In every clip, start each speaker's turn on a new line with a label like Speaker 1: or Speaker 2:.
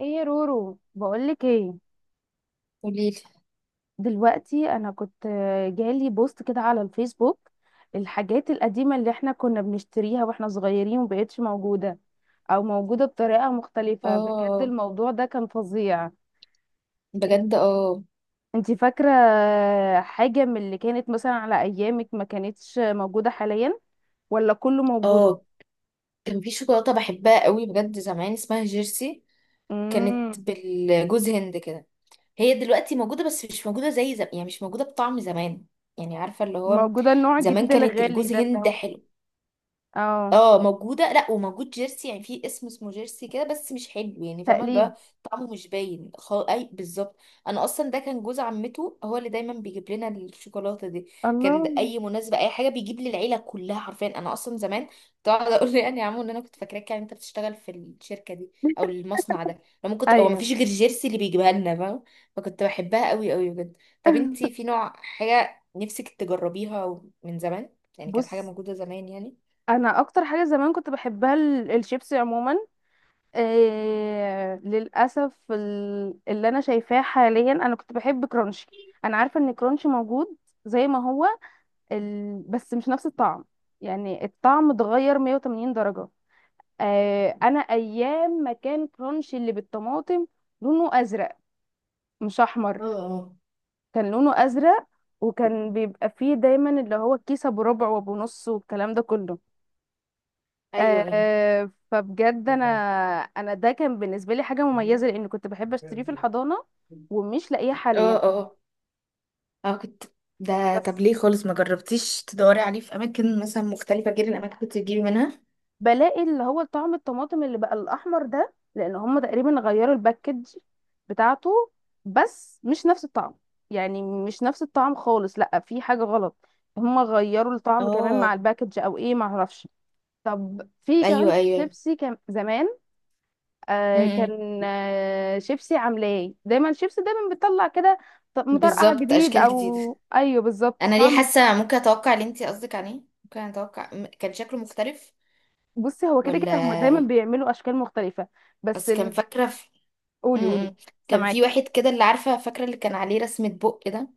Speaker 1: ايه يا رورو بقولك ايه.
Speaker 2: قوليلي.
Speaker 1: دلوقتي انا كنت جالي بوست كده على الفيسبوك. الحاجات القديمة اللي احنا كنا بنشتريها واحنا صغيرين ومبقتش موجودة او موجودة بطريقة مختلفة، بجد
Speaker 2: اه.
Speaker 1: الموضوع ده كان فظيع.
Speaker 2: بجد اه.
Speaker 1: انتي فاكرة حاجة من اللي كانت مثلا على ايامك ما كانتش موجودة حاليا ولا كله موجود؟
Speaker 2: اه، كان في شوكولاتة بحبها قوي بجد زمان اسمها جيرسي. كانت
Speaker 1: امم
Speaker 2: بالجوز هند كده. هي دلوقتي موجودة بس مش موجودة زي زمان، يعني مش موجودة بطعم زمان. يعني عارفة اللي هو
Speaker 1: موجودة النوع
Speaker 2: زمان
Speaker 1: الجديد
Speaker 2: كانت
Speaker 1: الغالي
Speaker 2: الجوز
Speaker 1: ده اللي
Speaker 2: هند
Speaker 1: هو
Speaker 2: حلو.
Speaker 1: اه
Speaker 2: اه موجوده، لا وموجود جيرسي، يعني في اسمه جيرسي كده بس مش حلو، يعني فاهمه اللي
Speaker 1: تقليد.
Speaker 2: هو طعمه مش باين اي بالظبط. انا اصلا ده كان جوز عمته هو اللي دايما بيجيب لنا الشوكولاته دي. كان ده
Speaker 1: الله
Speaker 2: اي مناسبه اي حاجه بيجيب لي العيله كلها حرفيا. انا اصلا زمان كنت اقعد اقول له يعني يا عمو ان انا كنت فاكراك، يعني انت بتشتغل في الشركه دي او المصنع ده، لما كنت هو ما
Speaker 1: ايوه.
Speaker 2: فيش غير جيرسي اللي بيجيبها لنا فاهمه. فكنت بحبها قوي قوي بجد. طب انتي في نوع حاجه نفسك تجربيها من زمان؟ يعني كانت حاجه
Speaker 1: بص،
Speaker 2: موجوده زمان يعني.
Speaker 1: انا اكتر حاجه زمان كنت بحبها الشيبسي عموما. إيه للاسف اللي انا شايفاه حاليا، انا كنت بحب كرانشي. انا عارفه ان كرانشي موجود زي ما هو بس مش نفس الطعم. يعني الطعم اتغير 180 درجه. إيه انا ايام ما كان كرانشي اللي بالطماطم لونه ازرق، مش احمر.
Speaker 2: اه. اه.
Speaker 1: كان لونه ازرق، وكان بيبقى فيه دايما اللي هو الكيسه بربع وبنص والكلام ده كله.
Speaker 2: ايوه ايوه.
Speaker 1: آه فبجد انا ده كان بالنسبه لي حاجه مميزه، لان كنت بحب اشتريه في الحضانه ومش لاقيه
Speaker 2: اه
Speaker 1: حاليا.
Speaker 2: اه. اه. ده طب
Speaker 1: بس
Speaker 2: ليه خالص ما جربتيش تدوري عليه في اماكن مثلا مختلفه غير الاماكن اللي كنت بتجيبي منها؟
Speaker 1: بلاقي اللي هو طعم الطماطم اللي بقى الاحمر ده، لان هم تقريبا غيروا الباكج بتاعته. بس مش نفس الطعم، يعني مش نفس الطعم خالص، لا في حاجه غلط. هم غيروا الطعم كمان مع
Speaker 2: اه
Speaker 1: الباكج او ايه ما اعرفش. طب في كمان
Speaker 2: ايوه ايوه.
Speaker 1: شيبسي كان زمان، آه
Speaker 2: امم.
Speaker 1: كان آه شيبسي عاملاه ايه؟ دايما شيبسي دايما بتطلع كده مطرقع
Speaker 2: بالظبط
Speaker 1: جديد
Speaker 2: اشكال جديده.
Speaker 1: او ايوه بالظبط
Speaker 2: انا ليه
Speaker 1: طعم.
Speaker 2: حاسه ممكن اتوقع اللي انت قصدك عليه، ممكن اتوقع كان شكله مختلف.
Speaker 1: بصي هو كده
Speaker 2: ولا
Speaker 1: كده هما دايما
Speaker 2: إيه؟
Speaker 1: بيعملوا اشكال مختلفه بس
Speaker 2: اصل كان فاكره في...
Speaker 1: قولي قولي.
Speaker 2: امم، كان في
Speaker 1: سامعاكي.
Speaker 2: واحد كده اللي عارفه فاكره اللي كان عليه رسمه بق ده.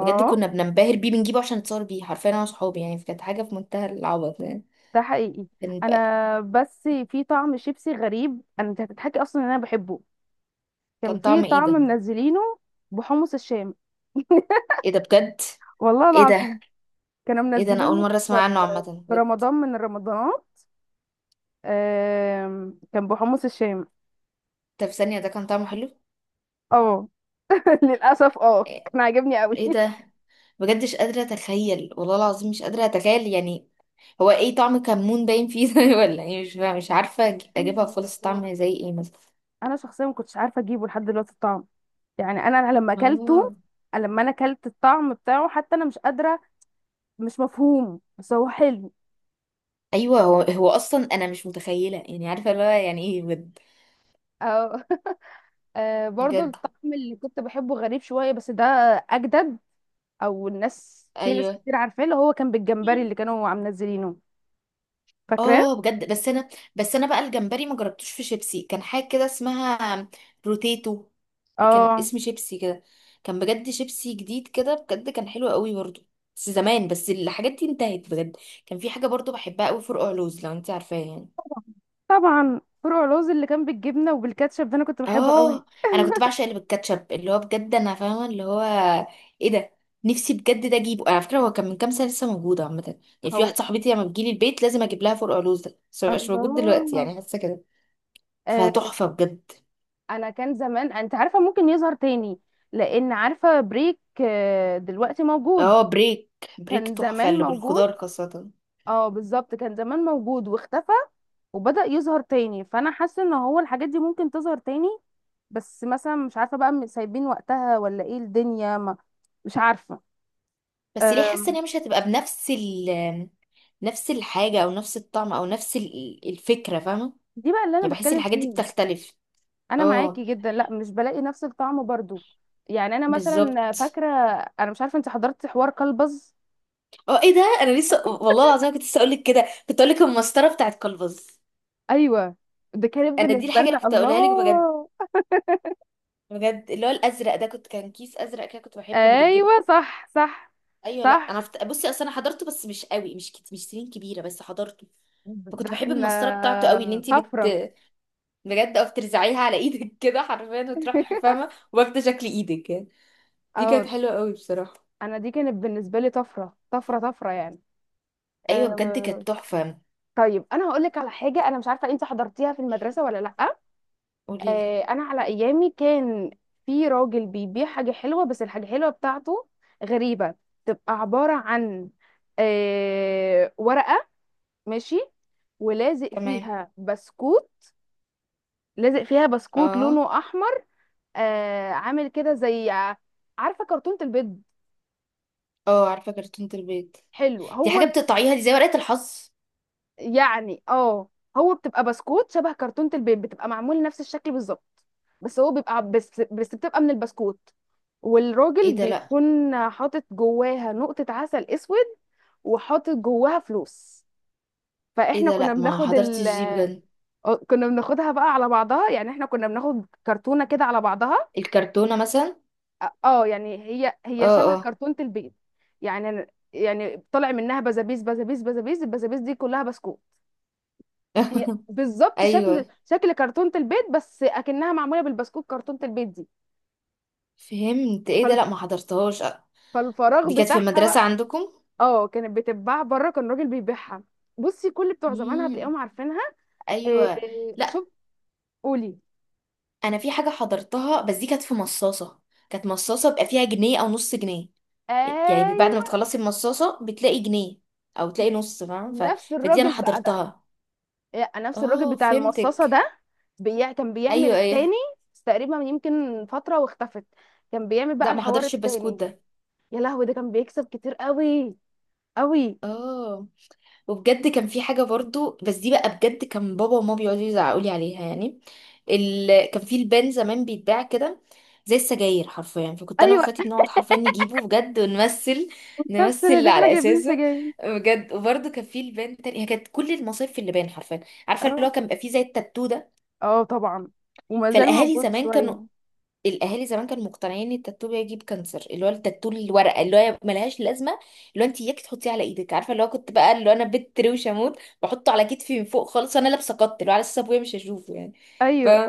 Speaker 2: بجد كنا بننبهر بيه، بنجيبه عشان نتصور بيه حرفيا انا وصحابي، يعني كانت حاجه في منتهى العبط يعني.
Speaker 1: ده حقيقي.
Speaker 2: كان
Speaker 1: انا بس في طعم شيبسي غريب، انا انت هتضحكي اصلا ان انا بحبه. كان
Speaker 2: كان
Speaker 1: في
Speaker 2: طعم ايه
Speaker 1: طعم
Speaker 2: ده؟
Speaker 1: منزلينه بحمص الشام.
Speaker 2: ايه ده بجد؟
Speaker 1: والله
Speaker 2: ايه ده.
Speaker 1: العظيم كانوا
Speaker 2: ايه ده، انا اول
Speaker 1: منزلينه
Speaker 2: مره اسمع
Speaker 1: في
Speaker 2: عنه عامه
Speaker 1: في
Speaker 2: بجد.
Speaker 1: رمضان من الرمضانات. كان بحمص الشام.
Speaker 2: طب ثانيه ده كان طعمه حلو؟
Speaker 1: اه للاسف اه
Speaker 2: ايه.
Speaker 1: كان عاجبني قوي.
Speaker 2: إيه ده؟ بجد مش قادره اتخيل والله العظيم، مش قادره اتخيل يعني. هو ايه، طعم كمون باين فيه ده ولا ايه؟ مش فاهمة. مش عارفه اجيبها خالص طعم زي ايه مثلا.
Speaker 1: انا شخصيا ما كنتش عارفه اجيبه لحد دلوقتي الطعم. يعني انا لما اكلته،
Speaker 2: آه.
Speaker 1: لما انا اكلت الطعم بتاعه، حتى انا مش قادره، مش مفهوم بس هو حلو.
Speaker 2: ايوه. هو اصلا انا مش متخيله، يعني عارفه اللي هو يعني ايه بجد.
Speaker 1: اه. برضو
Speaker 2: بجد.
Speaker 1: الطعم اللي كنت بحبه غريب شويه بس ده اجدد. او الناس، في ناس
Speaker 2: ايوه
Speaker 1: كتير عارفاه اللي هو كان بالجمبري اللي كانوا عم منزلينه، فاكراه.
Speaker 2: اه بجد. بس انا بقى الجمبري ما جربتوش. في شيبسي كان حاجه كده اسمها روتيتو. كان
Speaker 1: اه
Speaker 2: اسم شيبسي كده. كان بجد شيبسي جديد كده، بجد كان حلو قوي برضو. بس زمان، بس الحاجات دي انتهت بجد. كان في حاجه برضو بحبها قوي، فرقع لوز، لو انت عارفاه يعني.
Speaker 1: طبعا فروع لوز اللي كان بالجبنه وبالكاتشب ده انا كنت بحبه قوي.
Speaker 2: اه انا كنت بعشق اللي بالكاتشب، اللي هو بجد انا فاهمه اللي هو. ايه ده. نفسي بجد ده اجيبه على فكره. هو كان من كام سنه لسه موجود عامه، يعني في
Speaker 1: هو
Speaker 2: واحده صاحبتي لما بتجيلي البيت لازم اجيب لها فرقع لوز ده، بس مبقاش موجود دلوقتي
Speaker 1: الله.
Speaker 2: يعني، حاسه كده.
Speaker 1: آه،
Speaker 2: فتحفة بجد.
Speaker 1: انا كان زمان انت عارفه ممكن يظهر تاني، لان عارفه بريك دلوقتي موجود.
Speaker 2: اه بريك. بريك
Speaker 1: كان
Speaker 2: تحفة
Speaker 1: زمان
Speaker 2: اللي
Speaker 1: موجود.
Speaker 2: بالخضار خاصة.
Speaker 1: اه بالظبط كان زمان موجود واختفى وبدأ يظهر تاني، فانا حاسه ان هو الحاجات دي ممكن تظهر تاني. بس مثلا مش عارفه بقى سايبين وقتها ولا ايه الدنيا ما، مش عارفه.
Speaker 2: بس ليه حاسة ان
Speaker 1: آم،
Speaker 2: هي مش هتبقى بنفس ال نفس الحاجة او نفس الطعم او نفس الفكرة، فاهمة؟
Speaker 1: دي بقى اللي
Speaker 2: يعني
Speaker 1: انا
Speaker 2: بحس
Speaker 1: بتكلم
Speaker 2: الحاجات دي
Speaker 1: فيها.
Speaker 2: بتختلف.
Speaker 1: انا
Speaker 2: اه
Speaker 1: معاكي جدا، لا مش بلاقي نفس الطعم برضو. يعني انا مثلا
Speaker 2: بالظبط.
Speaker 1: فاكره، انا مش عارفه انت حضرتي حوار كلبز؟
Speaker 2: اه، ايه ده، انا لسه والله العظيم كنت لسه اقولك كده، كنت اقولك المسطرة بتاعت كلبز.
Speaker 1: ايوه ده كانت
Speaker 2: انا دي
Speaker 1: بالنسبه
Speaker 2: الحاجة اللي
Speaker 1: لنا
Speaker 2: كنت
Speaker 1: الله.
Speaker 2: اقولها لك بجد. بجد اللي هو الازرق ده، كنت كان كيس ازرق كده كنت بحبه، اللي بالجبنة.
Speaker 1: ايوه صح صح
Speaker 2: ايوه. لا انا
Speaker 1: صح.
Speaker 2: بصي اصل انا حضرته بس مش قوي، مش مش سنين كبيره بس حضرته.
Speaker 1: ده
Speaker 2: فكنت بحب
Speaker 1: احنا
Speaker 2: المسطره بتاعته قوي، ان انتي
Speaker 1: طفره.
Speaker 2: بجد او بترزعيها على ايدك كده حرفيا وتروح فاهمه واخده شكل ايدك يعني. دي كانت
Speaker 1: اه
Speaker 2: حلوه قوي بصراحه.
Speaker 1: انا دي كانت بالنسبه لي طفره طفره طفره يعني.
Speaker 2: ايوه بجد
Speaker 1: أه.
Speaker 2: كانت تحفه.
Speaker 1: طيب انا هقول لك على حاجه، انا مش عارفه انت حضرتيها في المدرسه ولا لا.
Speaker 2: قولي لي.
Speaker 1: أه انا على ايامي كان في راجل بيبيع حاجه حلوه، بس الحاجه الحلوه بتاعته غريبه. تبقى عباره عن أه ورقه، ماشي، ولازق
Speaker 2: تمام.
Speaker 1: فيها بسكوت. لازق فيها بسكوت
Speaker 2: اه
Speaker 1: لونه احمر. آه عامل كده زي، عارفه كرتونه البيض.
Speaker 2: اه عارفه كرتون البيت.
Speaker 1: حلو.
Speaker 2: دي
Speaker 1: هو
Speaker 2: حاجه بتقطعيها، دي زي ورقه الحظ؟
Speaker 1: يعني اه هو بتبقى بسكوت شبه كرتونه البيض، بتبقى معمول نفس الشكل بالظبط. بس هو بيبقى ع- بس بتبقى من البسكوت.
Speaker 2: ايه
Speaker 1: والراجل
Speaker 2: ده، لا.
Speaker 1: بيكون حاطط جواها نقطه عسل اسود وحاطط جواها فلوس.
Speaker 2: ايه
Speaker 1: فاحنا
Speaker 2: ده،
Speaker 1: كنا
Speaker 2: لا ما
Speaker 1: بناخد
Speaker 2: حضرتش دي بجد.
Speaker 1: كنا بناخدها بقى على بعضها، يعني احنا كنا بناخد كرتونه كده على بعضها.
Speaker 2: الكرتونه مثلا.
Speaker 1: اه يعني هي
Speaker 2: اه
Speaker 1: شبه
Speaker 2: اه.
Speaker 1: كرتونة البيض. يعني أنا- يعني طلع منها بزابيز بزابيز بزابيز، البزابيز دي كلها بسكوت. هي بالظبط شكل
Speaker 2: ايوه
Speaker 1: شكل كرتونة البيض، بس اكنها معمولة بالبسكوت كرتونة البيض دي.
Speaker 2: فهمت، ايه ده،
Speaker 1: فال-
Speaker 2: لا ما حضرتهاش.
Speaker 1: فالفراغ
Speaker 2: دي كانت في
Speaker 1: بتاعها
Speaker 2: المدرسة
Speaker 1: بقى.
Speaker 2: عندكم؟
Speaker 1: اه كانت بتتباع بره، كان راجل بيبيعها. بصي كل بتوع زمان
Speaker 2: امم.
Speaker 1: هتلاقيهم عارفينها. إيه
Speaker 2: ايوه.
Speaker 1: إيه،
Speaker 2: لا،
Speaker 1: شوف. قولي.
Speaker 2: انا في حاجة حضرتها بس دي كانت في مصاصة. كانت مصاصة بيبقى فيها جنيه او نص جنيه. يعني بعد ما
Speaker 1: ايوه
Speaker 2: تخلصي المصاصة بتلاقي جنيه او تلاقي نص، فاهم
Speaker 1: نفس
Speaker 2: فدي انا
Speaker 1: الراجل بقى ده.
Speaker 2: حضرتها.
Speaker 1: إيه، نفس الراجل
Speaker 2: اه
Speaker 1: بتاع المصاصة
Speaker 2: فهمتك.
Speaker 1: ده كان بيعمل
Speaker 2: ايوه
Speaker 1: التاني.
Speaker 2: ايه.
Speaker 1: بس تقريبا يمكن فترة واختفت. كان بيعمل بقى
Speaker 2: لا ما
Speaker 1: الحوار
Speaker 2: حضرتش البسكوت
Speaker 1: التاني.
Speaker 2: ده.
Speaker 1: يا لهوي، ده كان بيكسب كتير قوي قوي.
Speaker 2: اه. وبجد كان في حاجة برضو بس دي بقى بجد كان بابا وماما بيقعدوا يزعقوا لي عليها يعني. كان في البان زمان بيتباع كده زي السجاير حرفيا، فكنت انا
Speaker 1: ايوه.
Speaker 2: واخواتي بنقعد حرفيا نجيبه بجد ونمثل
Speaker 1: بس
Speaker 2: نمثل
Speaker 1: اللي احنا
Speaker 2: على
Speaker 1: جايبين
Speaker 2: اساسه.
Speaker 1: سجاير.
Speaker 2: بجد، وبرضه كان في البان تاني. هي كانت كل المصايف في اللبان حرفيا. عارفه اللي
Speaker 1: اه
Speaker 2: هو كان بيبقى فيه زي التاتو ده.
Speaker 1: اه طبعا وما زال
Speaker 2: فالاهالي
Speaker 1: موجود
Speaker 2: زمان كانوا
Speaker 1: شوية.
Speaker 2: الاهالي زمان كانوا مقتنعين ان التاتو بيجيب كانسر، اللي هو التاتو الورقه اللي هو ملهاش لازمه. اللي هو انت اياك تحطيه على ايدك، عارفه اللي هو كنت بقى، اللي هو انا بنت روشه اموت بحطه على كتفي من فوق خالص، انا لابسه قط اللي هو على اساس ابويا مش هشوفه يعني. ف
Speaker 1: ايوه.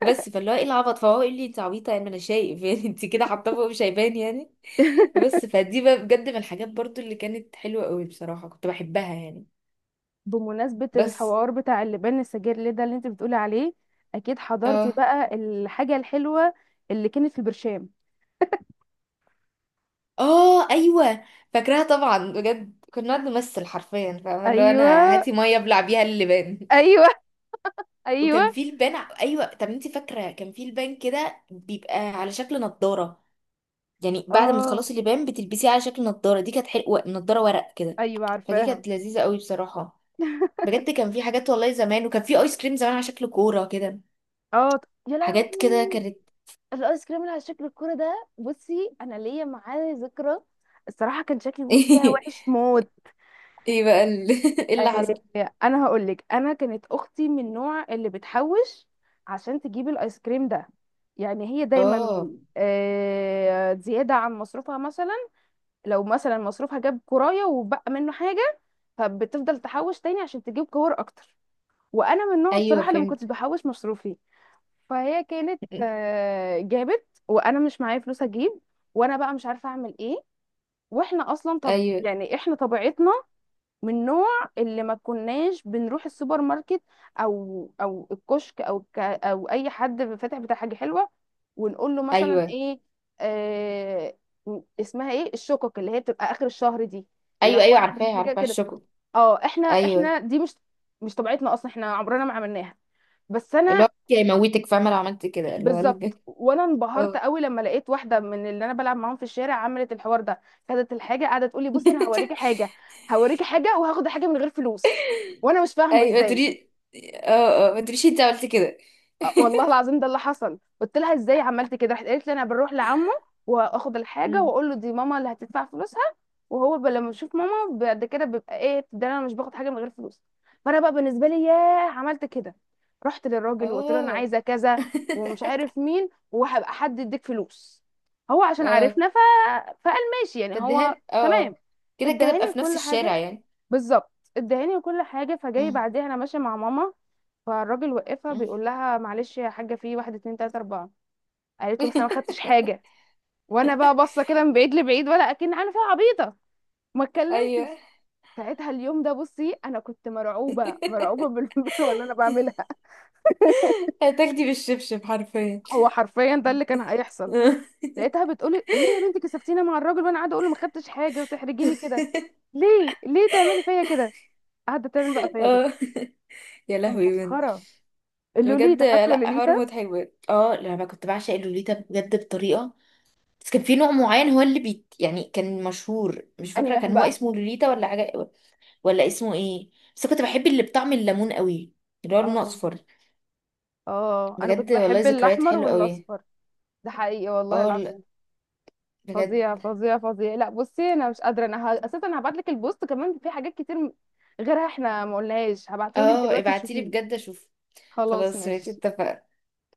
Speaker 2: بس فاللي هو ايه العبط، فهو يقول لي انت عبيطه، يعني ما انا شايف يعني انت كده حاطاه فوق مش هيبان يعني. بس فدي بقى بجد من الحاجات برضو اللي كانت حلوه قوي بصراحه، كنت بحبها يعني.
Speaker 1: بمناسبة
Speaker 2: بس.
Speaker 1: الحوار بتاع اللبان السجاير ده اللي انت بتقولي عليه، اكيد حضرتي
Speaker 2: آه.
Speaker 1: بقى الحاجة الحلوة اللي كانت في البرشام.
Speaker 2: اه ايوه فاكراها طبعا، بجد كنا نقعد نمثل حرفيا، فاهمه اللي هو انا
Speaker 1: ايوه
Speaker 2: هاتي ميه ابلع بيها اللبان.
Speaker 1: ايوه ايوه.
Speaker 2: وكان في لبان ايوه، طب انت فاكره كان في لبان كده بيبقى على شكل نضاره. يعني بعد ما
Speaker 1: اه
Speaker 2: تخلصي اللبان بتلبسيه على شكل نضاره، دي كانت حلوه، نضاره ورق كده.
Speaker 1: ايوه
Speaker 2: فدي
Speaker 1: عارفاها.
Speaker 2: كانت لذيذه قوي بصراحه. بجد كان في حاجات والله زمان، وكان في ايس كريم زمان على شكل كوره كده.
Speaker 1: اه يا
Speaker 2: حاجات كده
Speaker 1: لهوي.
Speaker 2: كانت.
Speaker 1: الايس كريم اللي على شكل الكوره ده، بصي انا ليا معاه ذكرى. الصراحه كان شكلي فيها وحش موت.
Speaker 2: ايه بقى ايه اللي
Speaker 1: آه
Speaker 2: حصل؟
Speaker 1: انا هقول لك، انا كانت اختي من النوع اللي بتحوش عشان تجيب الايس كريم ده. يعني هي دايما
Speaker 2: اه
Speaker 1: آه زياده عن مصروفها مثلا، لو مثلا مصروفها جاب كرايه وبقى منه حاجه، فبتفضل تحوش تاني عشان تجيب كور اكتر. وانا من النوع
Speaker 2: ايوه
Speaker 1: الصراحه اللي ما كنتش
Speaker 2: فهمت.
Speaker 1: بحوش مصروفي. فهي كانت جابت وانا مش معايا فلوس اجيب، وانا بقى مش عارفه اعمل ايه. واحنا اصلا، طب
Speaker 2: ايوه
Speaker 1: يعني احنا طبيعتنا من نوع اللي ما كناش بنروح السوبر ماركت او او الكشك او ك او اي حد فاتح بتاع حاجه حلوه، ونقول له مثلا
Speaker 2: ايوه
Speaker 1: ايه، آه اسمها ايه الشقق اللي هي بتبقى اخر الشهر دي، اللي
Speaker 2: ايوه.
Speaker 1: هو
Speaker 2: ايوه
Speaker 1: ناخد من
Speaker 2: عارفاه
Speaker 1: حاجه
Speaker 2: عارفاه،
Speaker 1: كده.
Speaker 2: الشوكو.
Speaker 1: اه احنا
Speaker 2: ايوه
Speaker 1: احنا دي مش مش طبيعتنا اصلا، احنا عمرنا ما عملناها. بس
Speaker 2: اللي هو
Speaker 1: انا،
Speaker 2: يموتك، فاهمه لو عملت كده، اللي هو
Speaker 1: بالظبط. وانا انبهرت
Speaker 2: اه
Speaker 1: قوي لما لقيت واحده من اللي انا بلعب معاهم في الشارع عملت الحوار ده. خدت الحاجه قاعده تقول لي بصي انا هوريكي حاجه، هوريكي حاجه وهاخد الحاجه من غير فلوس. وانا مش فاهمه
Speaker 2: ايوه ما
Speaker 1: ازاي.
Speaker 2: تري. اه ما تريش انت عملت كده.
Speaker 1: والله العظيم ده اللي حصل. قلت لها ازاي عملت كده، راحت قالت لي انا بروح لعمه واخد الحاجه
Speaker 2: امم.
Speaker 1: واقول له دي ماما اللي هتدفع فلوسها. وهو ب- لما بشوف ماما بعد كده بيبقى ايه ده انا مش باخد حاجه من غير فلوس. فانا بقى بالنسبه لي ياه، عملت كده. رحت للراجل وقلت له انا
Speaker 2: اه.
Speaker 1: عايزه كذا ومش عارف مين، وهبقى حد يديك فلوس. هو عشان
Speaker 2: اه.
Speaker 1: عرفنا فقال ماشي يعني
Speaker 2: فاديها
Speaker 1: هو
Speaker 2: لي. اه اه.
Speaker 1: تمام.
Speaker 2: كده كده بقى
Speaker 1: ادهاني
Speaker 2: في نفس
Speaker 1: كل حاجه.
Speaker 2: الشارع يعني.
Speaker 1: بالظبط. ادهاني كل حاجه، فجاي
Speaker 2: مم.
Speaker 1: بعديها انا ماشيه مع ماما. فالراجل وقفها
Speaker 2: مم.
Speaker 1: بيقول لها معلش يا حاجه في واحد اتنين تلاته اربعه. قالت له بس انا ما خدتش حاجه. وانا بقى باصه كده من بعيد لبعيد ولا اكن عامله فيها عبيطه. ما اتكلمتش.
Speaker 2: ايوه.
Speaker 1: ساعتها اليوم ده، بصي انا كنت مرعوبه مرعوبه باللي انا بعملها.
Speaker 2: هتاخدي بالشبشب حرفيا.
Speaker 1: هو حرفيا ده اللي كان هيحصل. لقيتها بتقولي ليه يا بنتي كسفتينا مع الراجل وانا قاعده اقول له ما خدتش حاجه وتحرجيني كده. ليه ليه تعملي فيا كده، قاعده تعمل بقى فيا كده.
Speaker 2: اه. يا
Speaker 1: ده
Speaker 2: لهوي بنت.
Speaker 1: مسخره.
Speaker 2: بجد،
Speaker 1: اللوليتا، فاكره
Speaker 2: لا، حوار
Speaker 1: لوليتا؟
Speaker 2: مضحك بجد. اه لما كنت بعشق لوليتا بجد بطريقه، بس كان في نوع معين هو اللي بيت، يعني كان مشهور، مش
Speaker 1: انهي
Speaker 2: فاكرة
Speaker 1: واحد
Speaker 2: كان هو
Speaker 1: بقى.
Speaker 2: اسمه لوليتا ولا حاجة، ولا اسمه ايه. بس كنت بحب اللي بطعم الليمون قوي، اللي هو لونه
Speaker 1: اه
Speaker 2: اصفر.
Speaker 1: اه انا كنت
Speaker 2: بجد والله
Speaker 1: بحب
Speaker 2: ذكريات
Speaker 1: الاحمر
Speaker 2: حلوة قوي.
Speaker 1: والاصفر. ده حقيقي والله
Speaker 2: اه، لا.
Speaker 1: العظيم.
Speaker 2: بجد.
Speaker 1: فظيع فظيع فظيع. لا بصي انا مش قادره، انا اساسا هبعت لك البوست كمان في حاجات كتير غيرها احنا ما قلناهاش، هبعته لك
Speaker 2: اه
Speaker 1: دلوقتي
Speaker 2: ابعتيلي
Speaker 1: تشوفيه.
Speaker 2: بجد اشوف.
Speaker 1: خلاص
Speaker 2: خلاص ماشي
Speaker 1: ماشي.
Speaker 2: اتفقنا.